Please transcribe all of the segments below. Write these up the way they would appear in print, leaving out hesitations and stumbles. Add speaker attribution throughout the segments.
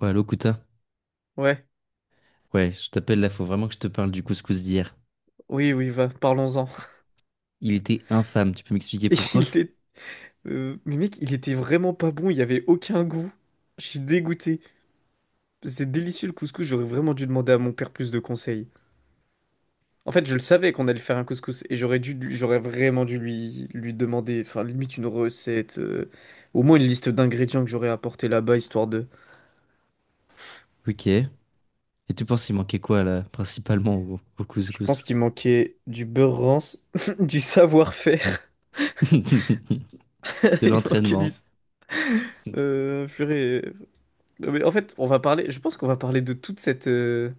Speaker 1: Ouais, Locuta.
Speaker 2: Ouais,
Speaker 1: Ouais, je t'appelle là, faut vraiment que je te parle du couscous d'hier.
Speaker 2: oui, oui, va, parlons-en.
Speaker 1: Il était infâme, tu peux m'expliquer
Speaker 2: Et Il
Speaker 1: pourquoi?
Speaker 2: est... mais mec, il était vraiment pas bon, il y avait aucun goût. Je suis dégoûté. C'est délicieux le couscous, j'aurais vraiment dû demander à mon père plus de conseils. En fait, je le savais qu'on allait faire un couscous et j'aurais dû, j'aurais vraiment dû lui demander, enfin, limite une recette, au moins une liste d'ingrédients que j'aurais apporté là-bas, histoire de.
Speaker 1: Ok. Et tu penses il manquait quoi là, principalement au
Speaker 2: Je pense
Speaker 1: couscous?
Speaker 2: qu'il manquait du beurre rance, du savoir-faire,
Speaker 1: De
Speaker 2: il manquait du.
Speaker 1: l'entraînement.
Speaker 2: Purée. Non, mais en fait, on va parler, je pense qu'on va parler de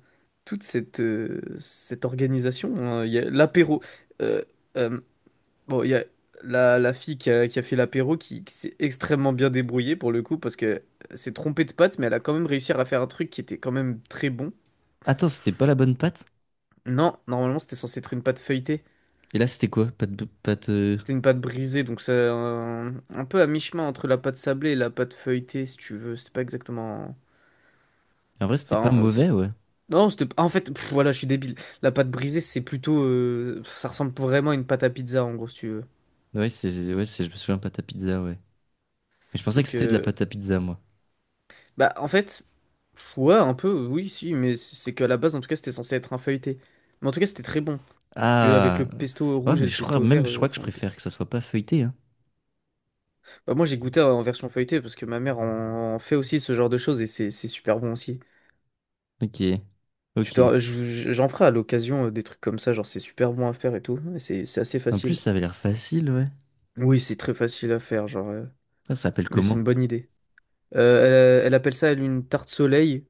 Speaker 2: toute cette, cette organisation, hein. Il y a l'apéro. euh, euh, bon, il y a la fille qui a fait l'apéro qui s'est extrêmement bien débrouillée pour le coup parce que s'est trompée de pâte, mais elle a quand même réussi à faire un truc qui était quand même très bon.
Speaker 1: Attends, c'était pas la bonne pâte?
Speaker 2: Non, normalement, c'était censé être une pâte feuilletée.
Speaker 1: Et là, c'était quoi? Pâte.
Speaker 2: C'était une pâte brisée, donc c'est un peu à mi-chemin entre la pâte sablée et la pâte feuilletée, si tu veux. C'était pas exactement.
Speaker 1: En vrai, c'était pas
Speaker 2: Enfin, c'est-
Speaker 1: mauvais, ouais.
Speaker 2: Non, c'était... En fait, voilà, je suis débile. La pâte brisée, c'est plutôt... ça ressemble vraiment à une pâte à pizza, en gros, si tu veux.
Speaker 1: Je me souviens pâte à pizza, ouais. Mais je pensais que
Speaker 2: Donc,
Speaker 1: c'était de la pâte à pizza, moi.
Speaker 2: bah, en fait, ouais, un peu, oui, si, mais c'est qu'à la base, en tout cas, c'était censé être un feuilleté. Mais en tout cas, c'était très bon. Puis avec le
Speaker 1: Ah,
Speaker 2: pesto
Speaker 1: ouais,
Speaker 2: rouge et
Speaker 1: mais
Speaker 2: le pesto vert,
Speaker 1: je crois que je
Speaker 2: enfin, le pesto...
Speaker 1: préfère que ça soit pas feuilleté, hein.
Speaker 2: Bah, moi, j'ai goûté en version feuilletée, parce que ma mère en, en fait aussi ce genre de choses, et c'est super bon aussi.
Speaker 1: Ok, ok.
Speaker 2: J'en ferai à l'occasion des trucs comme ça, genre, c'est super bon à faire et tout, et c'est assez
Speaker 1: En plus,
Speaker 2: facile.
Speaker 1: ça avait l'air facile, ouais.
Speaker 2: Oui, c'est très facile à faire, genre,
Speaker 1: Ça s'appelle
Speaker 2: mais c'est une
Speaker 1: comment?
Speaker 2: bonne idée. Elle appelle ça, elle, une tarte soleil.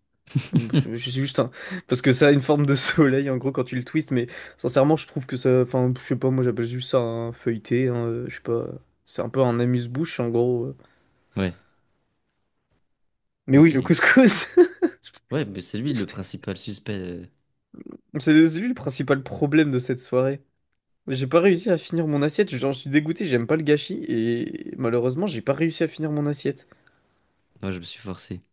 Speaker 2: Bon, je sais juste un... Parce que ça a une forme de soleil, en gros, quand tu le twistes, mais sincèrement, je trouve que ça... Enfin, je sais pas, moi, j'appelle juste ça un feuilleté, hein, je sais pas... C'est un peu un amuse-bouche, en gros,
Speaker 1: Ouais,
Speaker 2: Mais oui, le
Speaker 1: ok.
Speaker 2: couscous!
Speaker 1: Ouais, mais c'est lui le principal suspect.
Speaker 2: C'est lui le principal problème de cette soirée. J'ai pas réussi à finir mon assiette, j'en suis dégoûté, j'aime pas le gâchis, et malheureusement, j'ai pas réussi à finir mon assiette.
Speaker 1: Moi, je me suis forcé.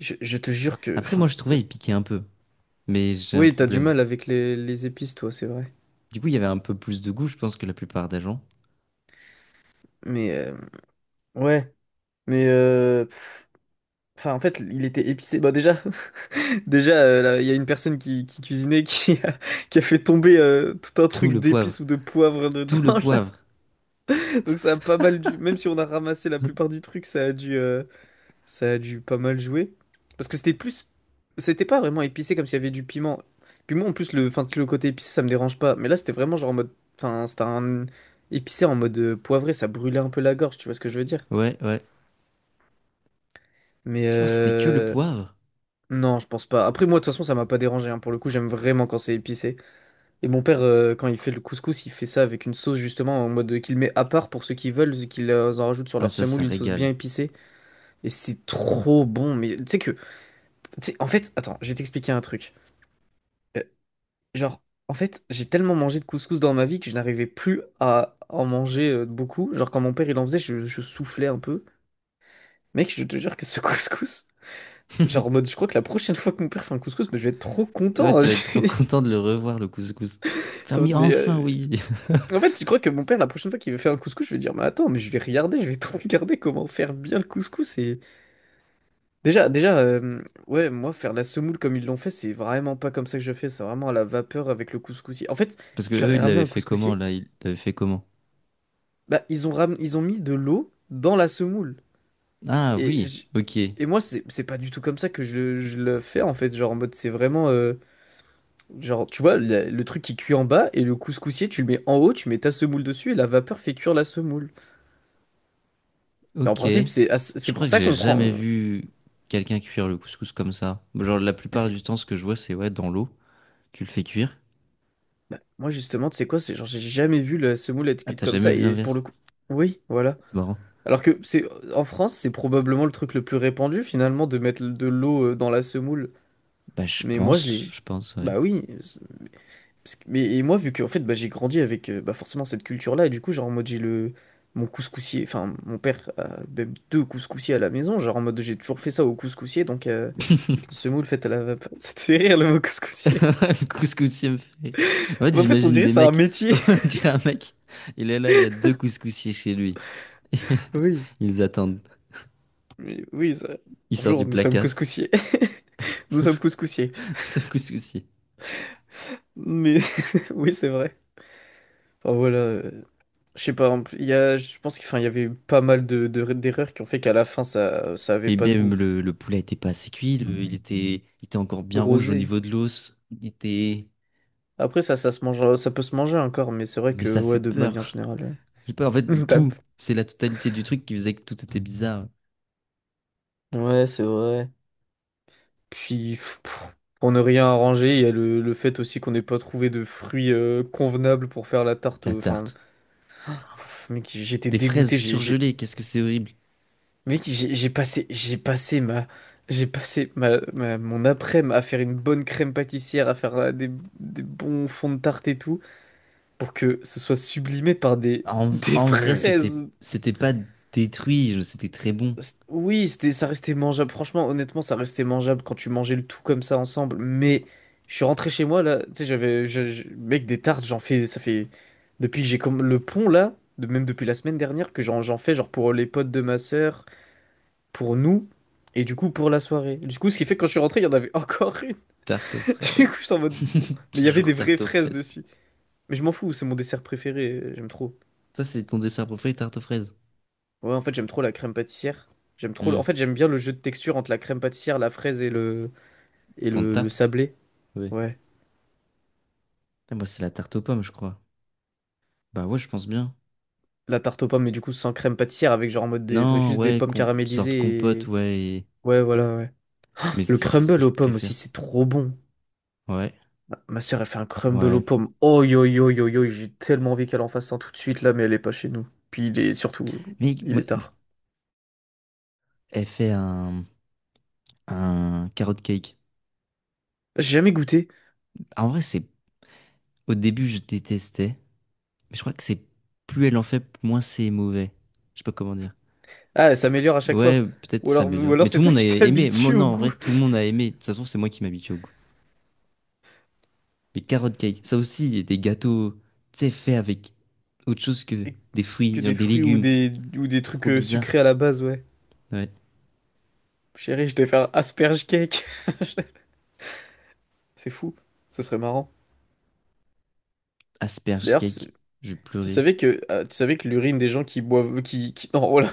Speaker 2: Je te jure que...
Speaker 1: Après, moi,
Speaker 2: Enfin...
Speaker 1: je trouvais il piquait un peu, mais j'ai un
Speaker 2: Oui, t'as du
Speaker 1: problème.
Speaker 2: mal avec les épices, toi, c'est vrai.
Speaker 1: Du coup, il y avait un peu plus de goût, je pense, que la plupart des gens.
Speaker 2: Mais... Ouais. Mais enfin, en fait, il était épicé. Bah déjà, déjà, là, il y a une personne qui cuisinait qui a fait tomber tout un
Speaker 1: Tout
Speaker 2: truc
Speaker 1: le poivre,
Speaker 2: d'épices ou de poivre
Speaker 1: tout le
Speaker 2: dedans, là.
Speaker 1: poivre.
Speaker 2: Donc ça a pas mal dû. Même si on a ramassé la plupart du truc, ça a dû pas mal jouer. Parce que c'était plus, c'était pas vraiment épicé comme s'il y avait du piment. Puis moi, en plus, enfin, le côté épicé, ça me dérange pas. Mais là, c'était vraiment genre en mode, enfin, c'était un épicé en mode poivré. Ça brûlait un peu la gorge. Tu vois ce que je veux dire?
Speaker 1: Ouais, ouais.
Speaker 2: Mais
Speaker 1: Tu penses que c'était que le
Speaker 2: euh,
Speaker 1: poivre?
Speaker 2: Non, je pense pas. Après, moi, de toute façon, ça m'a pas dérangé, hein. Pour le coup, j'aime vraiment quand c'est épicé. Et mon père, quand il fait le couscous, il fait ça avec une sauce, justement, en mode qu'il met à part pour ceux qui veulent, qu'ils en rajoutent sur
Speaker 1: Ah,
Speaker 2: leur
Speaker 1: ça
Speaker 2: semoule, une sauce bien
Speaker 1: régale.
Speaker 2: épicée. Et c'est trop bon. Mais tu sais que. Tu sais, en fait, attends, je vais t'expliquer un truc. Euh, genre, en fait, j'ai tellement mangé de couscous dans ma vie que je n'arrivais plus à en manger beaucoup. Genre, quand mon père, il en faisait, je soufflais un peu. Mec, je te jure que ce couscous. Genre, en mode, je crois que la prochaine fois que mon père fait un couscous, mais je vais être trop
Speaker 1: Ouais,
Speaker 2: content, hein.
Speaker 1: tu vas être trop content de le revoir, le couscous.
Speaker 2: Attends,
Speaker 1: Fermier,
Speaker 2: mais
Speaker 1: enfin, oui.
Speaker 2: en fait, je crois que mon père, la prochaine fois qu'il veut faire un couscous, je vais dire, mais attends, mais je vais regarder, je vais te regarder comment faire bien le couscous. Et déjà, déjà, ouais, moi, faire la semoule comme ils l'ont fait, c'est vraiment pas comme ça que je fais. C'est vraiment à la vapeur avec le couscousier. En fait,
Speaker 1: Parce que
Speaker 2: je leur
Speaker 1: eux,
Speaker 2: ai
Speaker 1: ils
Speaker 2: ramené
Speaker 1: l'avaient
Speaker 2: un
Speaker 1: fait comment,
Speaker 2: couscousier.
Speaker 1: là? Ils l'avaient fait comment?
Speaker 2: Bah, ils ont ram... ils ont mis de l'eau dans la semoule.
Speaker 1: Ah,
Speaker 2: Et
Speaker 1: oui, ok.
Speaker 2: et moi, c'est pas du tout comme ça que je le fais en fait. Genre en mode, c'est vraiment, genre, tu vois, le truc qui cuit en bas et le couscousier, tu le mets en haut, tu mets ta semoule dessus et la vapeur fait cuire la semoule. Mais en
Speaker 1: Ok.
Speaker 2: principe, c'est ah,
Speaker 1: Je
Speaker 2: c'est pour
Speaker 1: crois que
Speaker 2: ça
Speaker 1: j'ai
Speaker 2: qu'on
Speaker 1: jamais
Speaker 2: prend.
Speaker 1: vu quelqu'un cuire le couscous comme ça. Genre, la
Speaker 2: mais
Speaker 1: plupart
Speaker 2: c'est-
Speaker 1: du temps, ce que je vois, c'est ouais, dans l'eau, tu le fais cuire.
Speaker 2: bah, moi, justement, tu sais quoi, c'est genre, j'ai jamais vu la semoule être
Speaker 1: Ah,
Speaker 2: cuite
Speaker 1: t'as
Speaker 2: comme
Speaker 1: jamais
Speaker 2: ça,
Speaker 1: vu
Speaker 2: et pour
Speaker 1: l'inverse?
Speaker 2: le coup. Oui, voilà.
Speaker 1: C'est marrant.
Speaker 2: Alors que c'est en France, c'est probablement le truc le plus répandu, finalement, de mettre de l'eau dans la semoule. Mais moi, je l'ai.
Speaker 1: Je pense, ouais.
Speaker 2: Bah oui. Mais et moi, vu que en fait, bah, j'ai grandi avec bah, forcément cette culture-là, et du coup, genre, en mode, j'ai le. Mon couscoussier, enfin, mon père a même deux couscoussiers à la maison, genre en mode, j'ai toujours fait ça au couscoussier, donc. Avec une semoule faite à la vapeur. Ça te fait rire le mot couscoussier.
Speaker 1: Le couscoussier me fait rire. En fait,
Speaker 2: Mais en fait, on
Speaker 1: j'imagine
Speaker 2: dirait
Speaker 1: des
Speaker 2: que c'est un
Speaker 1: mecs.
Speaker 2: métier.
Speaker 1: On dirait un mec, il est là, il a deux couscoussiers chez lui.
Speaker 2: Oui,
Speaker 1: Ils attendent.
Speaker 2: oui, oui.
Speaker 1: Il sort du
Speaker 2: Bonjour, nous sommes
Speaker 1: placard.
Speaker 2: couscoussiers. Nous sommes couscoussiers.
Speaker 1: C'est un couscoussier.
Speaker 2: Mais oui, c'est vrai. Enfin, voilà. Je sais pas, en plus, il y a, je pense qu'il enfin, il y avait eu pas mal d'erreurs qui ont fait qu'à la fin, ça avait
Speaker 1: Mais
Speaker 2: pas de goût.
Speaker 1: même le poulet était pas assez cuit, il était encore bien rouge au
Speaker 2: Rosé.
Speaker 1: niveau de l'os. Il était.
Speaker 2: Après, ça se mange, ça peut se manger encore, mais c'est vrai
Speaker 1: Mais
Speaker 2: que,
Speaker 1: ça fait
Speaker 2: ouais, de manière
Speaker 1: peur.
Speaker 2: générale.
Speaker 1: J'ai peur. En
Speaker 2: euh,
Speaker 1: fait,
Speaker 2: t'as-
Speaker 1: tout, c'est la totalité du truc qui faisait que tout était bizarre.
Speaker 2: Ouais, c'est vrai. Puis, pour ne rien arranger, il y a le fait aussi qu'on n'ait pas trouvé de fruits convenables pour faire la tarte.
Speaker 1: La
Speaker 2: Enfin,
Speaker 1: tarte.
Speaker 2: Mec, j'étais
Speaker 1: Des fraises
Speaker 2: dégoûté.
Speaker 1: surgelées, qu'est-ce que c'est horrible.
Speaker 2: Mec, j'ai passé, Mon après-midi à faire une bonne crème pâtissière, à faire des bons fonds de tarte et tout, pour que ce soit sublimé par des,
Speaker 1: En,
Speaker 2: des
Speaker 1: en vrai, c'était
Speaker 2: fraises.
Speaker 1: c'était pas détruit, c'était très bon.
Speaker 2: Oui, c'était, ça restait mangeable. Franchement, honnêtement, ça restait mangeable quand tu mangeais le tout comme ça ensemble. Mais je suis rentré chez moi là. Tu sais, j'avais, mec, des tartes, j'en fais, ça fait depuis que j'ai comme le pont là, de, même depuis la semaine dernière que j'en fais genre pour les potes de ma sœur pour nous et du coup pour la soirée. Du coup, ce qui fait que quand je suis rentré, il y en avait encore une.
Speaker 1: Tarte aux
Speaker 2: Du coup,
Speaker 1: fraises.
Speaker 2: j'étais en mode bon. Mais il y avait
Speaker 1: Toujours
Speaker 2: des vraies
Speaker 1: tarte aux
Speaker 2: fraises
Speaker 1: fraises.
Speaker 2: dessus. Mais je m'en fous, c'est mon dessert préféré, j'aime trop.
Speaker 1: Ça, c'est ton dessert préféré, tarte aux fraises.
Speaker 2: Ouais, en fait, j'aime trop la crème pâtissière. J'aime trop. En
Speaker 1: Hmm.
Speaker 2: fait, j'aime bien le jeu de texture entre la crème pâtissière, la fraise et
Speaker 1: Fond de
Speaker 2: le
Speaker 1: tarte?
Speaker 2: sablé.
Speaker 1: Oui.
Speaker 2: Ouais.
Speaker 1: Ah, moi, c'est la tarte aux pommes, je crois. Bah ouais, je pense bien.
Speaker 2: La tarte aux pommes, mais du coup sans crème pâtissière, avec genre en mode des...
Speaker 1: Non,
Speaker 2: juste des
Speaker 1: ouais,
Speaker 2: pommes
Speaker 1: sorte
Speaker 2: caramélisées
Speaker 1: compote,
Speaker 2: et.
Speaker 1: ouais.
Speaker 2: Ouais, voilà, ouais.
Speaker 1: Mais
Speaker 2: Le
Speaker 1: ça, c'est ce que
Speaker 2: crumble
Speaker 1: je
Speaker 2: aux pommes aussi,
Speaker 1: préfère.
Speaker 2: c'est trop bon.
Speaker 1: Ouais,
Speaker 2: Ma sœur, elle fait un crumble aux
Speaker 1: ouais.
Speaker 2: pommes. Oh yo yo yo yo, j'ai tellement envie qu'elle en fasse un tout de suite là, mais elle est pas chez nous. Puis il est surtout,
Speaker 1: Mais
Speaker 2: il
Speaker 1: moi,
Speaker 2: est tard.
Speaker 1: elle fait un carrot cake.
Speaker 2: J'ai jamais goûté.
Speaker 1: En vrai, c'est au début, je détestais, mais je crois que c'est plus elle en fait, moins c'est mauvais. Je sais pas comment dire.
Speaker 2: Ah, elle s'améliore à chaque fois.
Speaker 1: Ouais, peut-être
Speaker 2: Ou
Speaker 1: ça
Speaker 2: alors, ou
Speaker 1: s'améliore.
Speaker 2: alors
Speaker 1: Mais tout
Speaker 2: c'est
Speaker 1: le
Speaker 2: toi
Speaker 1: monde a
Speaker 2: qui
Speaker 1: aimé. Moi,
Speaker 2: t'habitues
Speaker 1: non,
Speaker 2: au
Speaker 1: en vrai,
Speaker 2: goût.
Speaker 1: tout le monde a aimé. De toute façon, c'est moi qui m'habitue au goût. Mais carrot cake, ça aussi, il y a des gâteaux, tu sais, faits avec autre chose que
Speaker 2: Et
Speaker 1: des
Speaker 2: que
Speaker 1: fruits, genre
Speaker 2: des
Speaker 1: des
Speaker 2: fruits ou
Speaker 1: légumes.
Speaker 2: ou des
Speaker 1: C'est
Speaker 2: trucs
Speaker 1: trop bizarre.
Speaker 2: sucrés à la base, ouais.
Speaker 1: Ouais.
Speaker 2: Chérie, je vais faire un asperge cake. C'est fou. Ça serait marrant.
Speaker 1: Asperge
Speaker 2: D'ailleurs,
Speaker 1: cake, je vais
Speaker 2: tu
Speaker 1: pleurer.
Speaker 2: savais que, l'urine des gens qui boivent, non, voilà,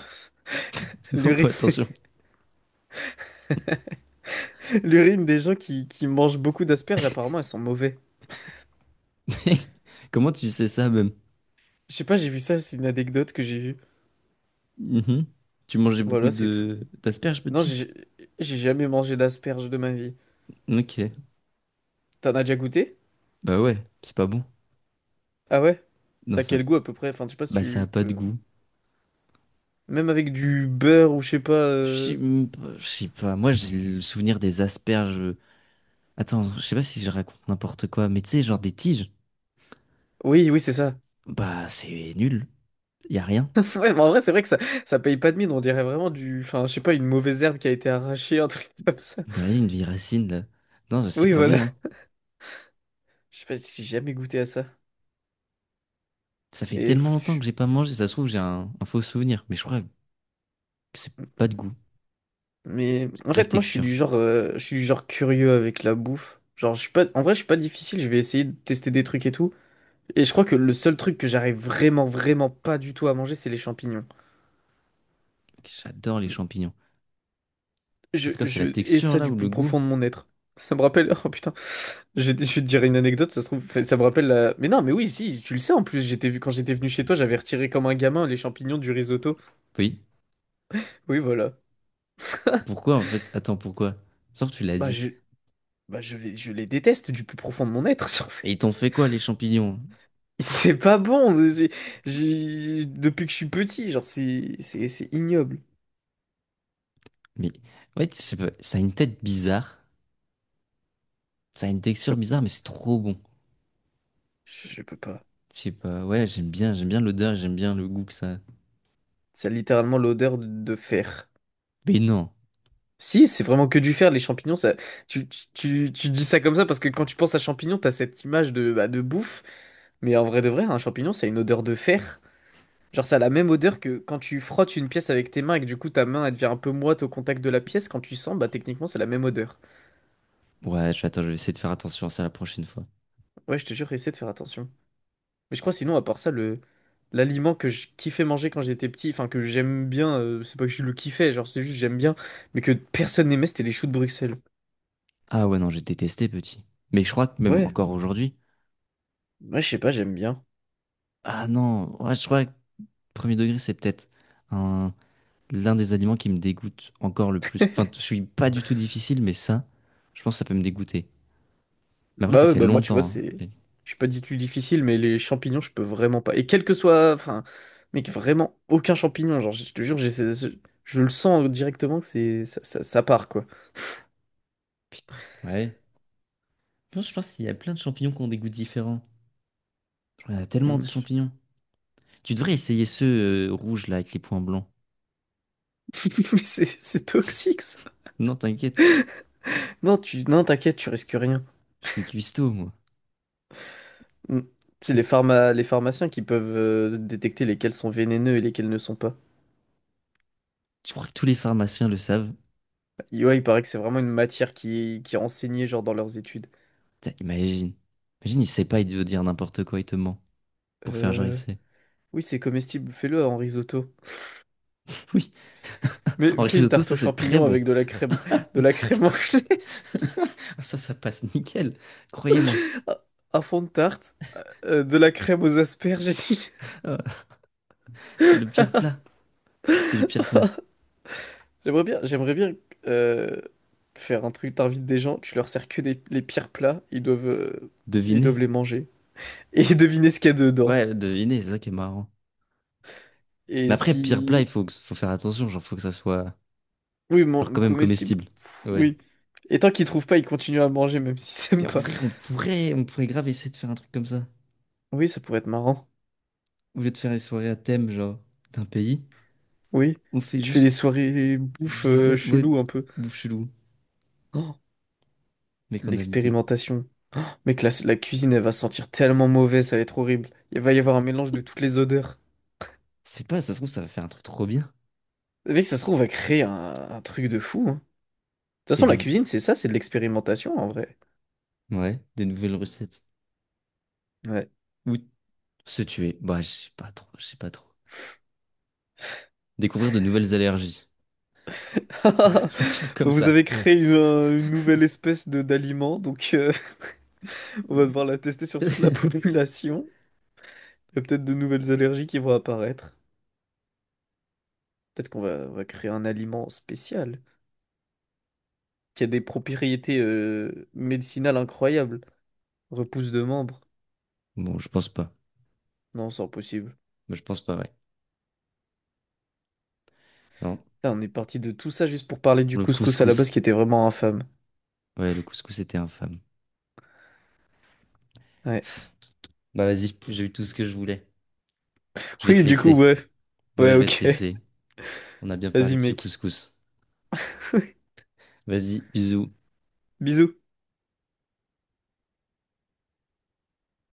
Speaker 1: Oh,
Speaker 2: l'urine,
Speaker 1: attention.
Speaker 2: l'urine des gens qui mangent beaucoup d'asperges, apparemment, elles sont mauvaises.
Speaker 1: Comment tu sais ça, même?
Speaker 2: Je sais pas, j'ai vu ça, c'est une anecdote que j'ai vue.
Speaker 1: Mhm. Tu mangeais beaucoup
Speaker 2: Voilà, c'est tout.
Speaker 1: de d'asperges,
Speaker 2: Non,
Speaker 1: petit?
Speaker 2: j'ai jamais mangé d'asperges de ma vie.
Speaker 1: Ok.
Speaker 2: T'en as déjà goûté?
Speaker 1: Bah ouais, c'est pas bon.
Speaker 2: Ah ouais?
Speaker 1: Non,
Speaker 2: Ça a
Speaker 1: ça,
Speaker 2: quel goût à peu près? Enfin, je sais pas si
Speaker 1: bah ça a
Speaker 2: tu
Speaker 1: pas de
Speaker 2: peux...
Speaker 1: goût.
Speaker 2: Même avec du beurre ou je sais pas...
Speaker 1: Je sais pas. Moi, j'ai le souvenir des asperges. Attends, je sais pas si je raconte n'importe quoi, mais tu sais, genre des tiges.
Speaker 2: Oui, oui, c'est ça.
Speaker 1: Bah, c'est nul. Y a rien.
Speaker 2: Ouais, mais en vrai, c'est vrai que ça paye pas de mine, on dirait vraiment du... Enfin, je sais pas, une mauvaise herbe qui a été arrachée, un truc comme ça.
Speaker 1: De rien, une vieille racine, là. Non, c'est
Speaker 2: Oui,
Speaker 1: pas
Speaker 2: voilà.
Speaker 1: bon, hein.
Speaker 2: Je sais pas si j'ai jamais goûté à ça.
Speaker 1: Ça fait
Speaker 2: Mais...
Speaker 1: tellement longtemps
Speaker 2: pff, je-
Speaker 1: que j'ai pas mangé, ça se trouve, j'ai un faux souvenir. Mais je crois que c'est pas de goût,
Speaker 2: Mais...
Speaker 1: c'est
Speaker 2: En
Speaker 1: de la
Speaker 2: fait, moi, je suis
Speaker 1: texture.
Speaker 2: du genre... je suis du genre curieux avec la bouffe. Genre, je suis pas... En vrai, je suis pas difficile, je vais essayer de tester des trucs et tout. Et je crois que le seul truc que j'arrive vraiment, vraiment pas du tout à manger, c'est les champignons.
Speaker 1: J'adore les champignons.
Speaker 2: Je,
Speaker 1: C'est quoi, c'est
Speaker 2: je
Speaker 1: la
Speaker 2: hais
Speaker 1: texture,
Speaker 2: ça
Speaker 1: là,
Speaker 2: du
Speaker 1: ou le
Speaker 2: plus
Speaker 1: goût?
Speaker 2: profond de mon être. Ça me rappelle, oh putain, je vais te dire une anecdote, ça se trouve, enfin, ça me rappelle la... Mais non, mais oui, si, tu le sais en plus, j'étais vu quand j'étais venu chez toi, j'avais retiré comme un gamin les champignons du risotto.
Speaker 1: Oui.
Speaker 2: Oui, voilà.
Speaker 1: Pourquoi, en fait? Attends, pourquoi? Sauf que tu l'as
Speaker 2: Bah
Speaker 1: dit.
Speaker 2: je, bah, je les déteste du plus profond de mon être. Genre,
Speaker 1: Et ils t'ont fait quoi, les champignons?
Speaker 2: c'est pas bon. C'est- j'ai- depuis que je suis petit, genre c'est ignoble.
Speaker 1: Mais ouais, je sais pas, ça a une tête bizarre, ça a une
Speaker 2: Ça-
Speaker 1: texture bizarre, mais c'est trop bon.
Speaker 2: je peux pas.
Speaker 1: Je sais pas, ouais, j'aime bien l'odeur, j'aime bien le goût que ça a.
Speaker 2: Ça a littéralement l'odeur de fer.
Speaker 1: Mais non.
Speaker 2: Si, c'est vraiment que du fer, les champignons, ça... tu dis ça comme ça parce que quand tu penses à champignons, t'as cette image de, bah, de bouffe, mais en vrai de vrai, un champignon, ça a une odeur de fer. Genre, ça a la même odeur que quand tu frottes une pièce avec tes mains et que du coup ta main elle devient un peu moite au contact de la pièce, quand tu sens, bah techniquement c'est la même odeur.
Speaker 1: Ouais, attends, je vais essayer de faire attention à ça la prochaine fois.
Speaker 2: Ouais, je te jure, essaie de faire attention. Mais je crois sinon, à part ça, le l'aliment que je kiffais manger quand j'étais petit, enfin que j'aime bien, c'est pas que je le kiffais, genre c'est juste j'aime bien, mais que personne n'aimait, c'était les choux de Bruxelles.
Speaker 1: Ah ouais, non, j'ai détesté petit. Mais je crois que même
Speaker 2: Ouais,
Speaker 1: encore aujourd'hui.
Speaker 2: ouais, je sais pas, j'aime bien.
Speaker 1: Ah non, ouais, je crois que premier degré, c'est peut-être un- l'un des aliments qui me dégoûte encore le plus. Enfin, je suis pas du tout difficile, mais ça, je pense que ça peut me dégoûter. Mais après, ça
Speaker 2: Bah ouais,
Speaker 1: fait
Speaker 2: bah moi tu vois,
Speaker 1: longtemps,
Speaker 2: c'est.
Speaker 1: hein.
Speaker 2: Je suis pas dit plus difficile, mais les champignons, je peux vraiment pas. Et quel que soit. Enfin, mec, vraiment aucun champignon. Genre, je te jure, j'ai ce- je le sens directement que c'est. Ça part, quoi.
Speaker 1: Putain, ouais. Je pense qu'il y a plein de champignons qui ont des goûts différents. Il y en a tellement des
Speaker 2: Mm.
Speaker 1: champignons. Tu devrais essayer ceux rouges là avec les points blancs.
Speaker 2: Mais c'est toxique, ça.
Speaker 1: Non, t'inquiète,
Speaker 2: Non, tu... non, t'inquiète, tu risques rien.
Speaker 1: je suis cuistot moi.
Speaker 2: Mm. C'est les pharma... les pharmaciens qui peuvent détecter lesquels sont vénéneux et lesquels ne sont pas.
Speaker 1: Tu crois que tous les pharmaciens le savent?
Speaker 2: Et ouais, il paraît que c'est vraiment une matière qui est enseignée, genre, dans leurs études.
Speaker 1: Putain, imagine. Imagine, il sait pas, il veut dire n'importe quoi, il te ment pour faire genre il
Speaker 2: Euh...
Speaker 1: sait.
Speaker 2: Oui, c'est comestible, fais-le en risotto.
Speaker 1: Oui,
Speaker 2: Mais
Speaker 1: en
Speaker 2: fais une
Speaker 1: risotto,
Speaker 2: tarte
Speaker 1: ça
Speaker 2: aux
Speaker 1: c'est très
Speaker 2: champignons
Speaker 1: bon.
Speaker 2: avec de la crème anglaise,
Speaker 1: Ça passe nickel. Croyez-moi,
Speaker 2: un un fond de tarte, de la crème aux asperges. Et tout.
Speaker 1: ah, c'est le pire plat. C'est le pire plat.
Speaker 2: J'aimerais bien euh, faire un truc. T'invites des gens, tu leur sers que des- les pires plats, ils
Speaker 1: Devinez.
Speaker 2: doivent les manger et deviner ce qu'il y a dedans.
Speaker 1: Ouais, devinez, c'est ça qui est marrant. Mais
Speaker 2: Et
Speaker 1: après, pire plat, il
Speaker 2: si,
Speaker 1: faut, faut faire attention, genre faut que ça soit
Speaker 2: oui,
Speaker 1: genre
Speaker 2: mon
Speaker 1: quand même
Speaker 2: comestible,
Speaker 1: comestible.
Speaker 2: pff,
Speaker 1: Ouais.
Speaker 2: oui. Et tant qu'ils trouvent pas, ils continuent à manger même s'ils aiment
Speaker 1: Mais en
Speaker 2: pas.
Speaker 1: vrai, on pourrait grave essayer de faire un truc comme ça.
Speaker 2: Oui, ça pourrait être marrant.
Speaker 1: Au lieu de faire les soirées à thème, genre, d'un pays,
Speaker 2: Oui,
Speaker 1: on fait
Speaker 2: tu fais des
Speaker 1: juste
Speaker 2: soirées bouffe
Speaker 1: bizarre, ouais,
Speaker 2: chelou un peu.
Speaker 1: bouche-loup,
Speaker 2: Oh.
Speaker 1: mais qu'on a l'idée.
Speaker 2: L'expérimentation. Oh, mec, la cuisine, elle va sentir tellement mauvais, ça va être horrible. Il va y avoir un mélange de toutes les odeurs.
Speaker 1: C'est pas, ça se trouve, ça va faire un truc trop bien.
Speaker 2: Mec, ça se trouve, on va créer un truc de fou, hein. De toute
Speaker 1: Des
Speaker 2: façon, la
Speaker 1: nouveaux,
Speaker 2: cuisine, c'est ça, c'est de l'expérimentation en vrai.
Speaker 1: ouais, des nouvelles recettes.
Speaker 2: Ouais.
Speaker 1: Ou se tuer. Bah, je sais pas trop. Découvrir de nouvelles allergies.
Speaker 2: Bah,
Speaker 1: Comme
Speaker 2: vous
Speaker 1: ça.
Speaker 2: avez créé une nouvelle espèce de d'aliment, donc on va
Speaker 1: Voilà.
Speaker 2: devoir la tester sur toute la population. Il y a peut-être de nouvelles allergies qui vont apparaître. Peut-être qu'on va, on va créer un aliment spécial qui a des propriétés médicinales incroyables. Repousse de membres.
Speaker 1: Bon, je pense pas.
Speaker 2: Non, c'est impossible.
Speaker 1: Moi, je pense pas, ouais. Non.
Speaker 2: Putain, on est parti de tout ça juste pour parler du
Speaker 1: Le
Speaker 2: couscous à la
Speaker 1: couscous.
Speaker 2: base qui était vraiment infâme.
Speaker 1: Ouais, le couscous était infâme.
Speaker 2: Ouais.
Speaker 1: Bah, vas-y, j'ai eu tout ce que je voulais. Je vais te
Speaker 2: Oui, du coup,
Speaker 1: laisser.
Speaker 2: ouais.
Speaker 1: Ouais,
Speaker 2: Ouais,
Speaker 1: je vais te
Speaker 2: ok.
Speaker 1: laisser. On a bien
Speaker 2: Vas-y,
Speaker 1: parlé de ce
Speaker 2: mec.
Speaker 1: couscous. Vas-y, bisous.
Speaker 2: Bisous.